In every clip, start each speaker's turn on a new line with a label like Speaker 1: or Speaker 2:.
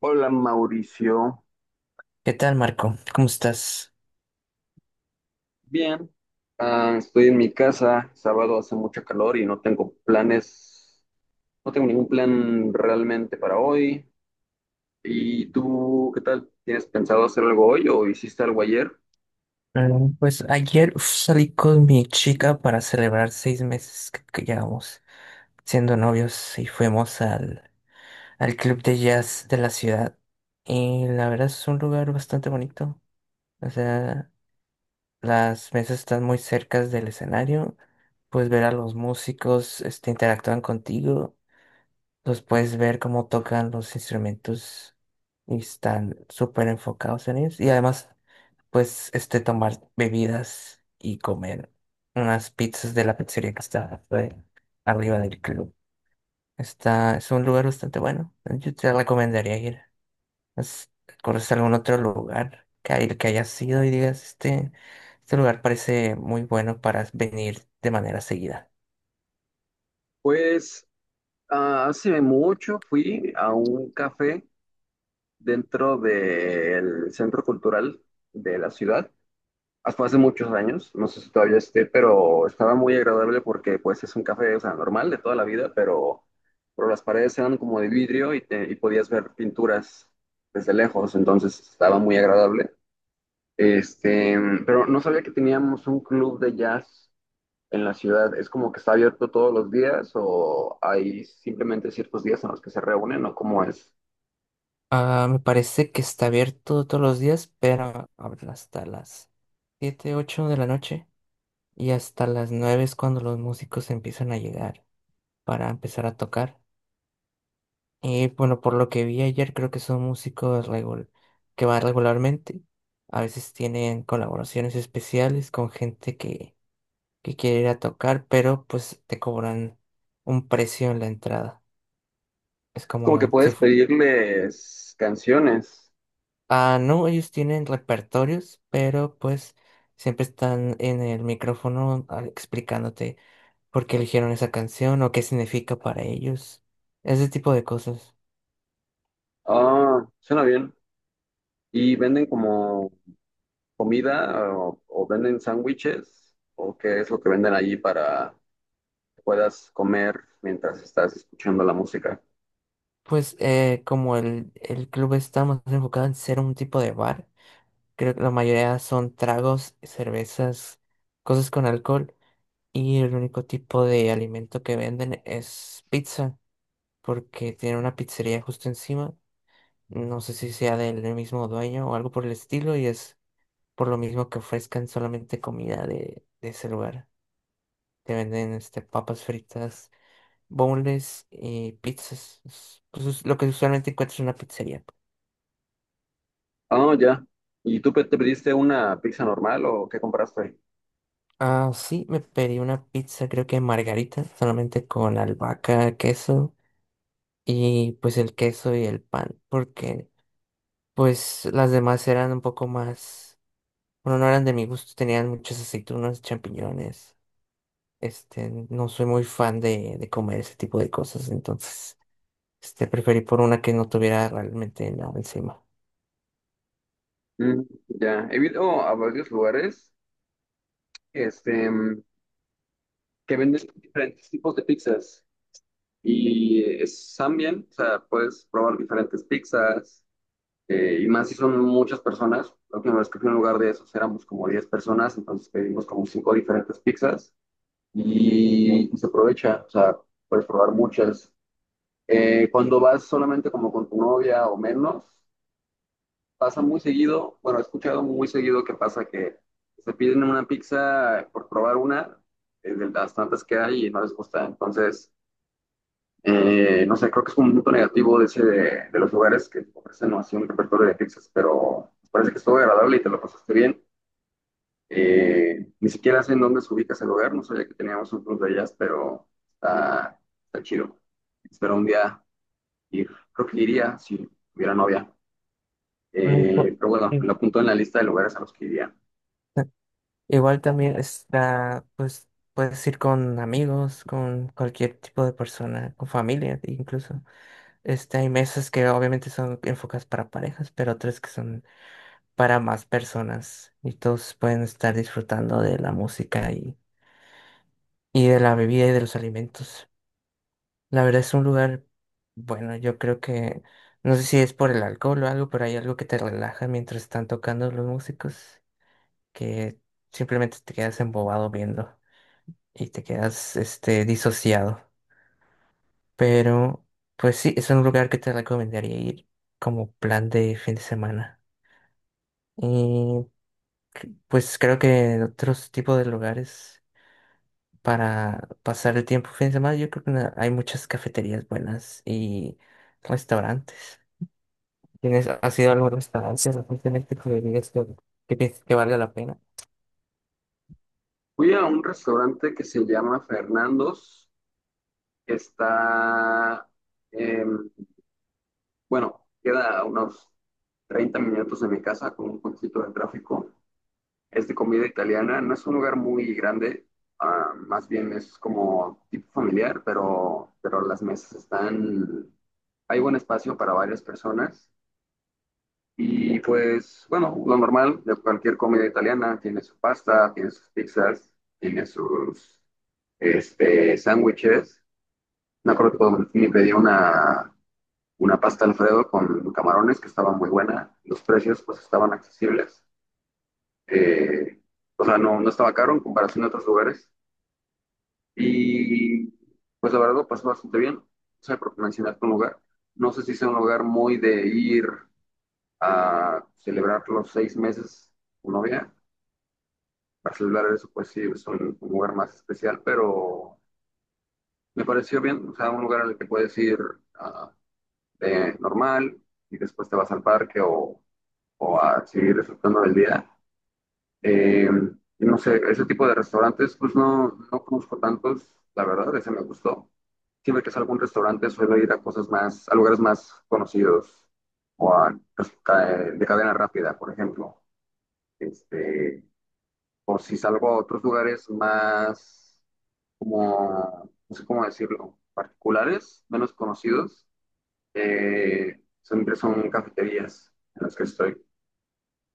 Speaker 1: Hola, Mauricio.
Speaker 2: ¿Qué tal, Marco? ¿Cómo estás?
Speaker 1: Bien, estoy en mi casa, sábado, hace mucho calor y no tengo planes, no tengo ningún plan realmente para hoy. ¿Y tú qué tal? ¿Tienes pensado hacer algo hoy o hiciste algo ayer?
Speaker 2: Pues ayer, uf, salí con mi chica para celebrar 6 meses que llevamos siendo novios y fuimos al al club de jazz de la ciudad. Y la verdad es un lugar bastante bonito. O sea, las mesas están muy cerca del escenario. Puedes ver a los músicos, este, interactúan contigo. Los puedes ver cómo tocan los instrumentos y están súper enfocados en ellos. Y además, pues, este, tomar bebidas y comer unas pizzas de la pizzería que está arriba del club. Está, es un lugar bastante bueno. Yo te recomendaría ir. ¿Has- ¿Conoces algún otro lugar que hayas ido y digas, este lugar parece muy bueno para venir de manera seguida?
Speaker 1: Pues hace mucho fui a un café dentro del centro cultural de la ciudad hasta hace muchos años, no sé si todavía esté, pero estaba muy agradable porque pues es un café, o sea, normal de toda la vida, pero las paredes eran como de vidrio y, y podías ver pinturas desde lejos, entonces estaba muy agradable. Este, pero no sabía que teníamos un club de jazz en la ciudad. ¿Es como que está abierto todos los días o hay simplemente ciertos días en los que se reúnen o cómo es?
Speaker 2: Ah, me parece que está abierto todos los días, pero abren hasta las 7 8 de la noche, y hasta las 9 es cuando los músicos empiezan a llegar para empezar a tocar. Y bueno, por lo que vi ayer, creo que son que van regularmente. A veces tienen colaboraciones especiales con gente que quiere ir a tocar, pero pues te cobran un precio en la entrada. Es
Speaker 1: Como que
Speaker 2: como si
Speaker 1: puedes
Speaker 2: fu-
Speaker 1: pedirles canciones.
Speaker 2: Ah, no, ellos tienen repertorios, pero pues siempre están en el micrófono, explicándote por qué eligieron esa canción o qué significa para ellos. Ese tipo de cosas.
Speaker 1: Ah, suena bien. Y venden como comida o venden sándwiches o qué es lo que venden allí para que puedas comer mientras estás escuchando la música.
Speaker 2: Pues, como el club está más enfocado en ser un tipo de bar, creo que la mayoría son tragos, cervezas, cosas con alcohol. Y el único tipo de alimento que venden es pizza, porque tiene una pizzería justo encima. No sé si sea del mismo dueño o algo por el estilo, y es por lo mismo que ofrezcan solamente comida de ese lugar. Te venden, este, papas fritas, boneless y pizzas. Pues es lo que usualmente encuentras en una pizzería.
Speaker 1: Ah, ya. ¿Y tú te pediste una pizza normal o qué compraste?
Speaker 2: Ah, sí, me pedí una pizza, creo que margarita, solamente con albahaca, queso y pues el queso y el pan, porque pues las demás eran un poco más, bueno, no eran de mi gusto, tenían muchas aceitunas, champiñones. Este, no soy muy fan de comer ese tipo de cosas, entonces, este, preferí por una que no tuviera realmente nada encima.
Speaker 1: Mm, ya. He ido a varios lugares este, mm, que venden diferentes tipos de pizzas y están bien, o sea, puedes probar diferentes pizzas. Eh, y más si son muchas personas, la última vez que fui a un lugar de esos éramos como 10 personas, entonces pedimos como 5 diferentes pizzas y se aprovecha, o sea, puedes probar muchas. Cuando vas solamente como con tu novia o menos, pasa muy seguido, bueno, he escuchado muy seguido que pasa que se piden una pizza por probar una, de las tantas que hay y no les gusta. Entonces, no sé, creo que es un punto negativo de ese de los lugares que ofrecen así un repertorio de pizzas, pero parece que estuvo agradable y te lo pasaste bien. Ni siquiera sé en dónde se ubica ese lugar, no sabía que teníamos un club de jazz, pero está, está chido. Espero un día ir. Creo que iría si hubiera novia.
Speaker 2: Mm, por-
Speaker 1: Pero bueno,
Speaker 2: eh,
Speaker 1: lo apunto en la lista de lugares a los que iría.
Speaker 2: ta- Igual también está, pues, puedes ir con amigos, con cualquier tipo de persona, con familia incluso. Este, hay mesas que obviamente son enfocadas para parejas, pero otras que son para más personas y todos pueden estar disfrutando de la música, y de la bebida y de los alimentos. La verdad es un lugar, bueno, yo creo que, no sé si es por el alcohol o algo, pero hay algo que te relaja mientras están tocando los músicos, que simplemente te quedas embobado viendo y te quedas, este, disociado. Pero, pues sí, es un lugar que te recomendaría ir como plan de fin de semana. Y pues creo que otros tipos de lugares para pasar el tiempo fin de semana. Yo creo que hay muchas cafeterías buenas y restaurantes. ¿Tienes, has ido a algún restaurante recientemente que digas que piensas que valga la pena?
Speaker 1: Fui a un restaurante que se llama Fernando's, que está, eh, bueno, queda a unos 30 minutos de mi casa con un poquito de tráfico. Es de comida italiana. No es un lugar muy grande, ah, más bien es como tipo familiar, pero las mesas están, hay buen espacio para varias personas. Y pues, bueno, lo normal de cualquier comida italiana, tiene su pasta, tiene sus pizzas, tiene sus sándwiches. Me acuerdo que me pedí una pasta Alfredo con camarones que estaba muy buena. Los precios pues estaban accesibles. Eh, o sea, no estaba caro en comparación a otros lugares. Y pues la verdad lo pasé bastante bien. O sea, porque mencionaste un lugar. No sé si sea un lugar muy de ir a celebrar los 6 meses con novia. Para celebrar eso, pues sí, es un lugar más especial, pero me pareció bien. O sea, un lugar al que puedes ir ah, de normal y después te vas al parque o a seguir disfrutando del día. Eh, y no sé, ese tipo de restaurantes, pues no conozco tantos, la verdad, ese me gustó. Siempre que salgo a un restaurante suelo ir a cosas más, a lugares más conocidos o a, pues, de cadena rápida, por ejemplo. Este, o si salgo a otros lugares más como, no sé cómo decirlo, particulares, menos conocidos, siempre son cafeterías en las que estoy.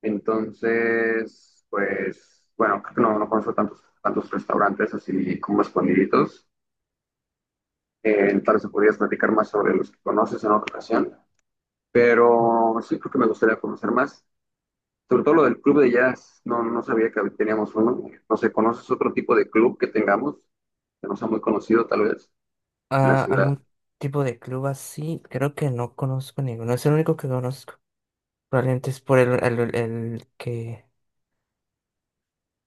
Speaker 1: Entonces, pues, bueno, creo que no conozco tantos restaurantes así como escondiditos. Tal vez podrías platicar más sobre los que conoces en otra ocasión. Pero sí creo que me gustaría conocer más. Sobre todo lo del club de jazz, no sabía que teníamos uno. No sé, ¿conoces otro tipo de club que tengamos? Que no sea muy conocido, tal vez en la
Speaker 2: Ah,
Speaker 1: ciudad.
Speaker 2: ¿algún tipo de club así? Creo que no conozco ninguno. Es el único que conozco. Probablemente es por el que...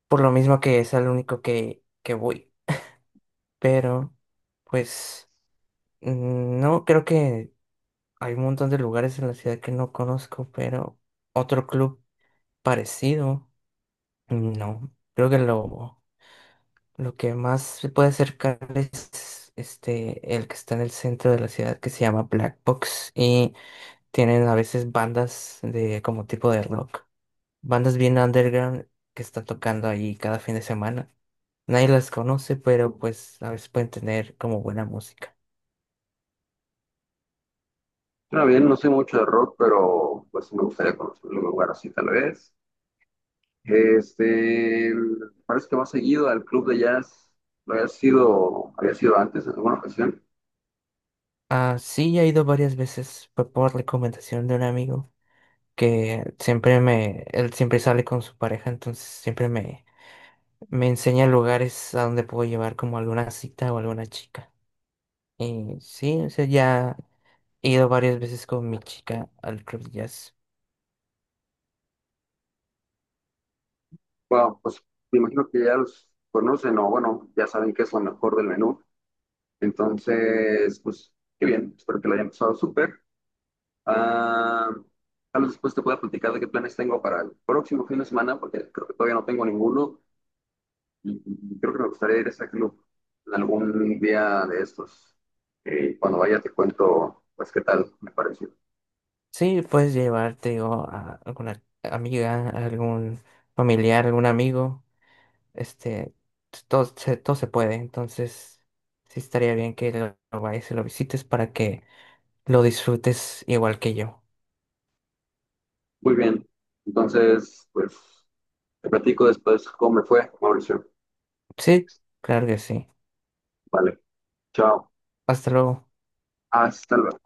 Speaker 2: Por lo mismo que es el único que voy. Pero, pues, mm, no, creo que hay un montón de lugares en la ciudad que no conozco, pero otro club. Parecido, no. Creo que lo que más se puede acercar es este, el que está en el centro de la ciudad que se llama Black Box, y tienen a veces bandas de como tipo de rock. Bandas bien underground que están tocando ahí cada fin de semana. Nadie las conoce, pero pues a veces pueden tener como buena música.
Speaker 1: Suena bien, no sé mucho de rock, pero pues sí me gustaría conocer un lugar así tal vez. Este, Parece que va seguido al club de jazz. Había sido antes en alguna ocasión.
Speaker 2: Ah, sí, he ido varias veces, fue por recomendación de un amigo que él siempre sale con su pareja, entonces siempre me enseña lugares a donde puedo llevar como alguna cita o alguna chica. Y sí, o sea, ya he ido varias veces con mi chica al club de jazz.
Speaker 1: Bueno, pues me imagino que ya los conocen o bueno, ya saben qué es lo mejor del menú. Entonces, pues, qué bien, espero que lo hayan pasado súper. Ah, tal vez después te pueda platicar de qué planes tengo para el próximo fin de semana, porque creo que todavía no tengo ninguno y creo que me gustaría ir a ese club en algún día de estos. Cuando vaya te cuento, pues, qué tal me pareció.
Speaker 2: Sí, puedes llevarte o a alguna amiga, a algún familiar, algún amigo. Este, todo se puede. Entonces, sí estaría bien que lo vayas y lo visites para que lo disfrutes igual que yo.
Speaker 1: Muy bien, entonces, pues, te platico después cómo me fue, Mauricio.
Speaker 2: Sí, claro que sí.
Speaker 1: Vale, chao,
Speaker 2: Hasta luego.
Speaker 1: hasta luego.